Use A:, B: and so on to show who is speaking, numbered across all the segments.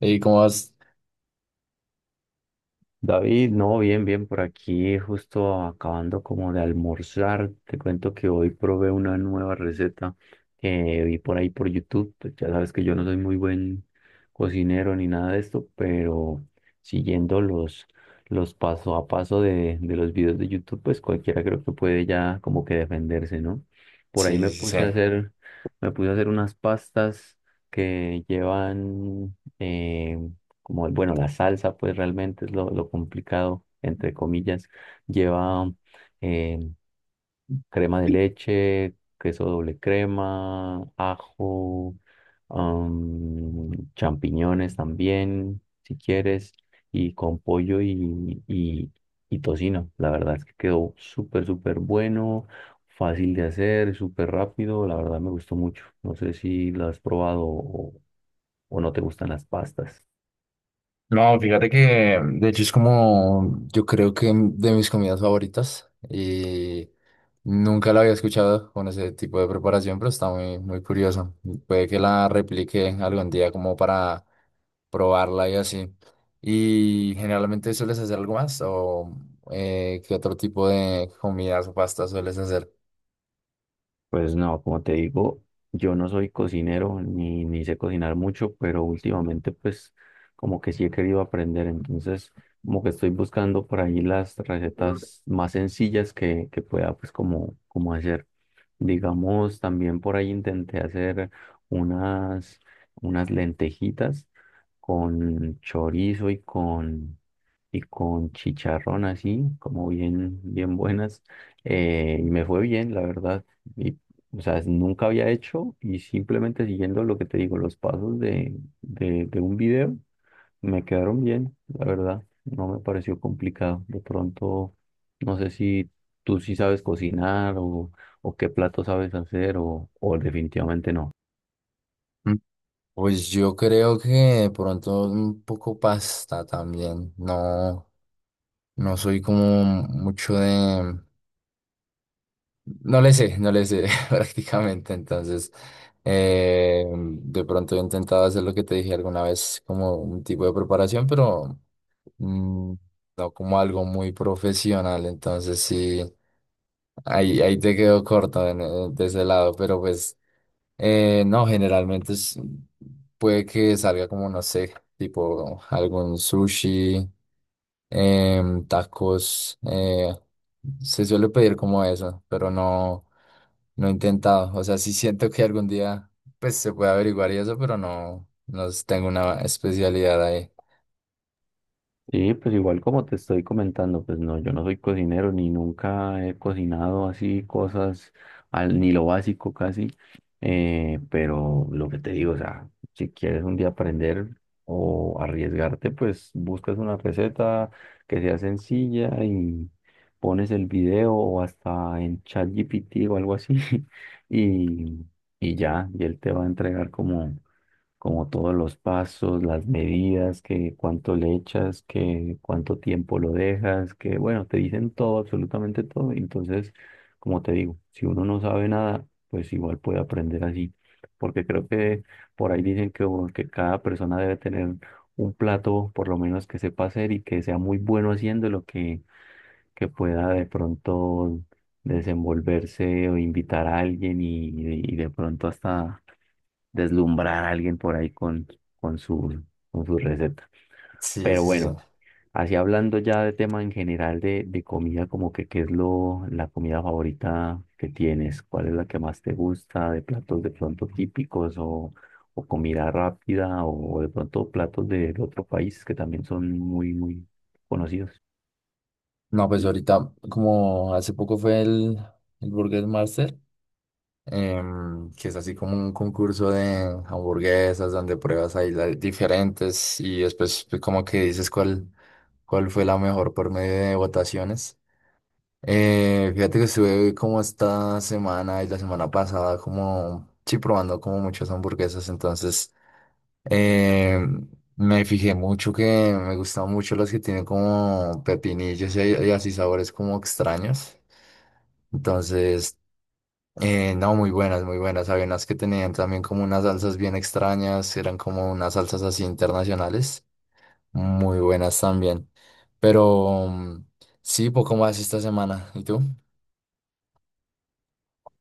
A: ¿Y cómo vas?
B: David, no, bien, bien, por aquí justo acabando como de almorzar, te cuento que hoy probé una nueva receta que vi por ahí por YouTube, pues ya sabes que yo no soy muy buen cocinero ni nada de esto, pero siguiendo los paso a paso de los videos de YouTube, pues cualquiera creo que puede ya como que defenderse, ¿no? Por ahí me puse a hacer, me puse a hacer unas pastas que llevan como el, bueno, la salsa, pues realmente es lo complicado, entre comillas. Lleva eh, crema de leche, queso doble crema, ajo, champiñones también, si quieres, y con pollo y tocino. La verdad es que quedó súper, súper bueno, fácil de hacer, súper rápido. La verdad me gustó mucho. No sé si lo has probado o no te gustan las pastas.
A: No, fíjate que de hecho es como yo creo que de mis comidas favoritas y nunca la había escuchado con ese tipo de preparación, pero está muy, muy curioso. Puede que la replique algún día como para probarla y así. ¿Y generalmente sueles hacer algo más o qué otro tipo de comidas o pastas sueles hacer?
B: Pues no, como te digo, yo no soy cocinero ni sé cocinar mucho, pero últimamente pues como que sí he querido aprender, entonces como que estoy buscando por ahí las recetas más sencillas que pueda pues como, como hacer. Digamos, también por ahí intenté hacer unas, unas lentejitas con chorizo y con chicharrón así, como bien, bien buenas, y me fue bien, la verdad. Y o sea, nunca había hecho y simplemente siguiendo lo que te digo, los pasos de un video me quedaron bien, la verdad. No me pareció complicado. De pronto, no sé si tú sí sabes cocinar o qué plato sabes hacer o definitivamente no.
A: Mm. Pues yo creo que de pronto un poco pasta también, no. No soy como mucho de... No le sé, no le sé prácticamente. Entonces, de pronto he intentado hacer lo que te dije alguna vez, como un tipo de preparación, pero mm, no como algo muy profesional. Entonces, sí, ahí te quedo corto en- de ese lado. Pero pues, no, generalmente es- puede que salga como, no sé, tipo algún sushi tacos. Se suele pedir como eso, pero no, no he intentado. O sea, sí siento que algún día pues se puede averiguar y eso, pero no, no tengo una especialidad ahí.
B: Sí, pues igual como te estoy comentando, pues no, yo no soy cocinero ni nunca he cocinado así cosas, al, ni lo básico casi, pero lo que te digo, o sea, si quieres un día aprender o arriesgarte, pues buscas una receta que sea sencilla y pones el video o hasta en ChatGPT o algo así y, y ya, y él te va a entregar como como todos los pasos, las medidas, que cuánto le echas, que cuánto tiempo lo dejas, que bueno, te dicen todo, absolutamente todo. Entonces, como te digo, si uno no sabe nada, pues igual puede aprender así, porque creo que por ahí dicen que cada persona debe tener un plato, por lo menos que sepa hacer y que sea muy bueno haciéndolo, que pueda de pronto desenvolverse o invitar a alguien y de pronto hasta deslumbrar a alguien por ahí con su, con su receta.
A: Sí,
B: Pero
A: sí, sí, sí.
B: bueno, así hablando ya de tema en general de comida, como que qué es la comida favorita que tienes, cuál es la que más te gusta, de platos de pronto típicos o comida rápida o, de pronto platos de otro país que también son muy, muy conocidos.
A: No, pues ahorita, como hace poco fue el Burger Master, que es así como un concurso de hamburguesas donde pruebas ahí las diferentes y después pues, como que dices cuál fue la mejor por medio de votaciones. Fíjate que estuve como esta semana y la semana pasada como, sí, probando como muchas hamburguesas, entonces eh, me fijé mucho que me gustan mucho las que tienen como pepinillos y así sabores como extraños, entonces, no, muy buenas, había unas que tenían también como unas salsas bien extrañas, eran como unas salsas así internacionales, muy buenas también, pero sí, poco más esta semana, ¿y tú?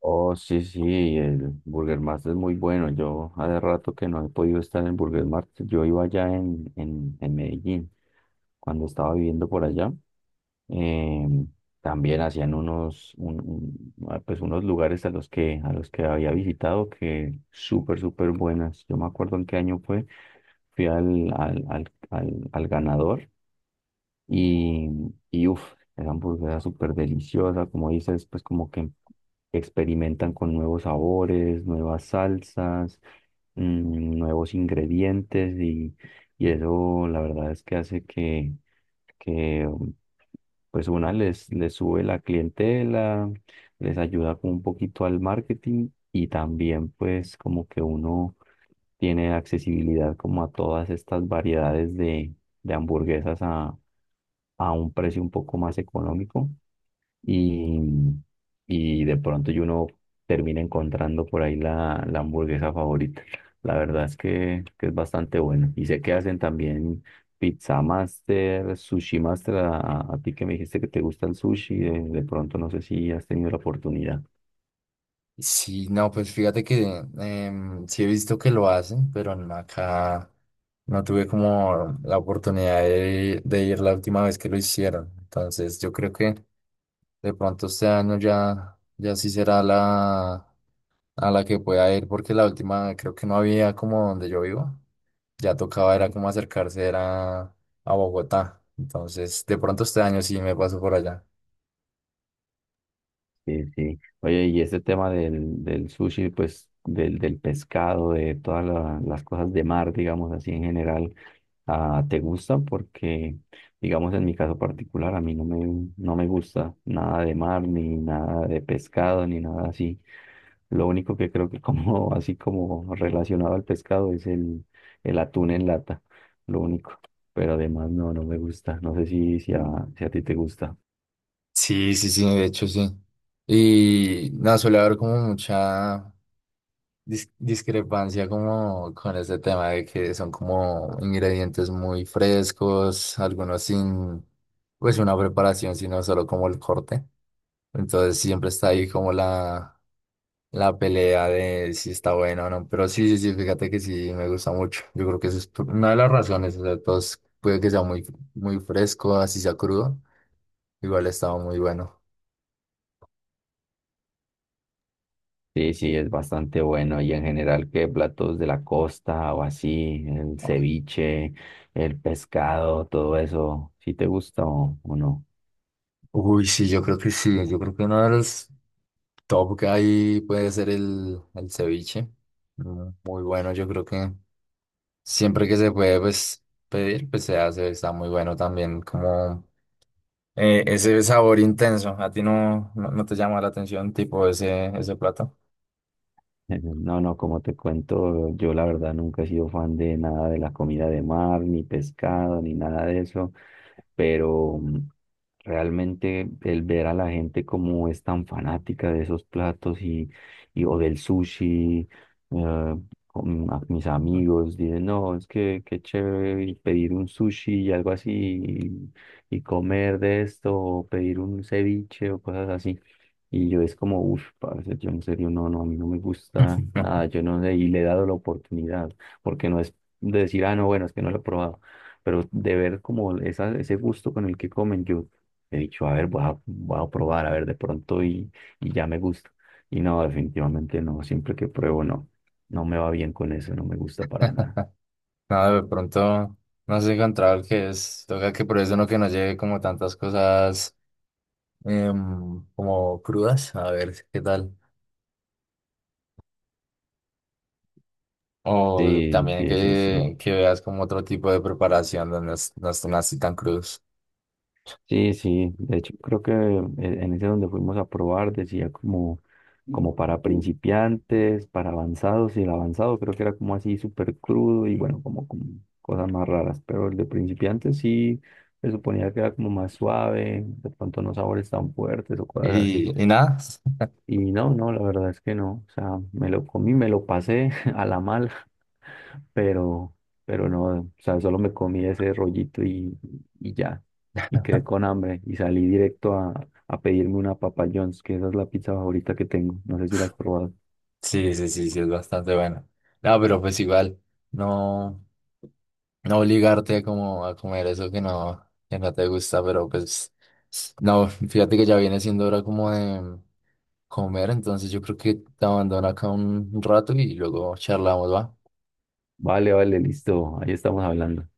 B: Oh, sí, sí, el Burger Mart es muy bueno. Yo hace rato que no he podido estar en Burger Mart. Yo iba allá en Medellín, cuando estaba viviendo por allá. eh, También hacían unos, un- ah, pues unos lugares a los que había visitado que súper, súper buenas. Yo me acuerdo en qué año fue. Fui al ganador y, y uff, esa hamburguesa súper deliciosa. Como dices, pues como que experimentan con nuevos sabores, nuevas salsas, nuevos ingredientes y eso la verdad es que hace que pues una les, les sube la clientela, les ayuda como un poquito al marketing y también pues como que uno tiene accesibilidad como a todas estas variedades de hamburguesas a un precio un poco más económico y, y de pronto uno termina encontrando por ahí la hamburguesa favorita. La verdad es que es bastante bueno. Y sé que hacen también Pizza Master, Sushi Master, a ti que me dijiste que te gusta el sushi, de pronto no sé si has tenido la oportunidad.
A: Sí, no, pues fíjate que sí he visto que lo hacen, pero no, acá no tuve como la oportunidad de ir la última vez que lo hicieron. Entonces yo creo que de pronto este año ya sí será la a la que pueda ir, porque la última creo que no había como donde yo vivo. Ya tocaba, era como acercarse, era a Bogotá. Entonces de pronto este año sí me paso por allá.
B: Sí, sí. Oye, y ese tema del sushi, pues del pescado, de todas las cosas de mar, digamos así en general, ah, ¿te gusta? Porque, digamos, en mi caso particular, a mí no me gusta nada de mar, ni nada de pescado, ni nada así. Lo único que creo que como, así como relacionado al pescado es el atún en lata, lo único. Pero además no, no me gusta. No sé si a ti te gusta.
A: Sí, sí, sí, de hecho sí. Y nada, suele haber como mucha dis- discrepancia como con este tema de que son como ingredientes muy frescos, algunos sin pues una preparación, sino solo como el corte. Entonces siempre está ahí como la pelea de si está bueno o no. Pero sí, sí, sí, fíjate que sí me gusta mucho. Yo creo que eso es por- una de las razones. O sea, todos puede que sea muy, muy fresco, así sea crudo. Igual estaba muy bueno.
B: Sí, sí, es bastante bueno. Y en general, ¿qué platos de la costa o así? El ceviche, el pescado, todo eso. ¿Sí te gusta o no?
A: Uy, sí, yo creo que sí. Yo creo que uno de los top ahí puede ser el ceviche. Muy bueno, yo creo que siempre que se puede pues, pedir, pues se hace, está muy bueno también, como ese sabor intenso. ¿A ti no, no, no te llama la atención tipo ese plato?
B: No, no, como te cuento, yo la verdad nunca he sido fan de nada de la comida de mar, ni pescado, ni nada de eso, pero realmente el ver a la gente como es tan fanática de esos platos y o del sushi, eh, a mis amigos dicen, no, es que qué chévere y pedir un sushi y algo así y comer de esto, o pedir un ceviche o cosas así. Y yo es como, uff, parce, yo en serio, no, no, a mí no me gusta nada, yo no sé, y le he dado la oportunidad, porque no es de decir, ah, no, bueno, es que no lo he probado, pero de ver como esa, ese gusto con el que comen, yo he dicho, a ver, voy a probar, a ver, de pronto y ya me gusta. Y no, definitivamente no, siempre que pruebo, no, no me va bien con eso, no me gusta para nada.
A: Nada, de pronto no has encontrado el que es. Toca que por eso no que no lleve como tantas cosas como crudas. A ver qué tal. O
B: Sí,
A: también
B: sí, sí, sí.
A: que veas como otro tipo de preparación donde no, es- no estén así tan crudos.
B: Sí, sí, de hecho creo que en ese donde fuimos a probar decía como, como para principiantes, para avanzados y el avanzado creo que era como así súper crudo y bueno, como, como cosas más raras, pero el de principiantes sí se suponía que era como más suave, de pronto no sabores tan fuertes o cosas así.
A: Nada,
B: Y no, no, la verdad es que no, o sea, me lo comí, me lo pasé a la mala pero, pero no, o sea, solo me comí ese rollito y ya, y quedé con hambre y salí directo a pedirme una Papa John's, que esa es la pizza favorita que tengo, no sé si la has probado.
A: sí, sí, sí, sí, es bastante bueno. No, pero pues igual, no, no obligarte como a comer eso que no te gusta, pero pues, no, fíjate que ya viene siendo hora como de comer, entonces yo creo que te abandono acá un rato y luego charlamos, ¿va?
B: Vale, vale, listo, ahí estamos hablando.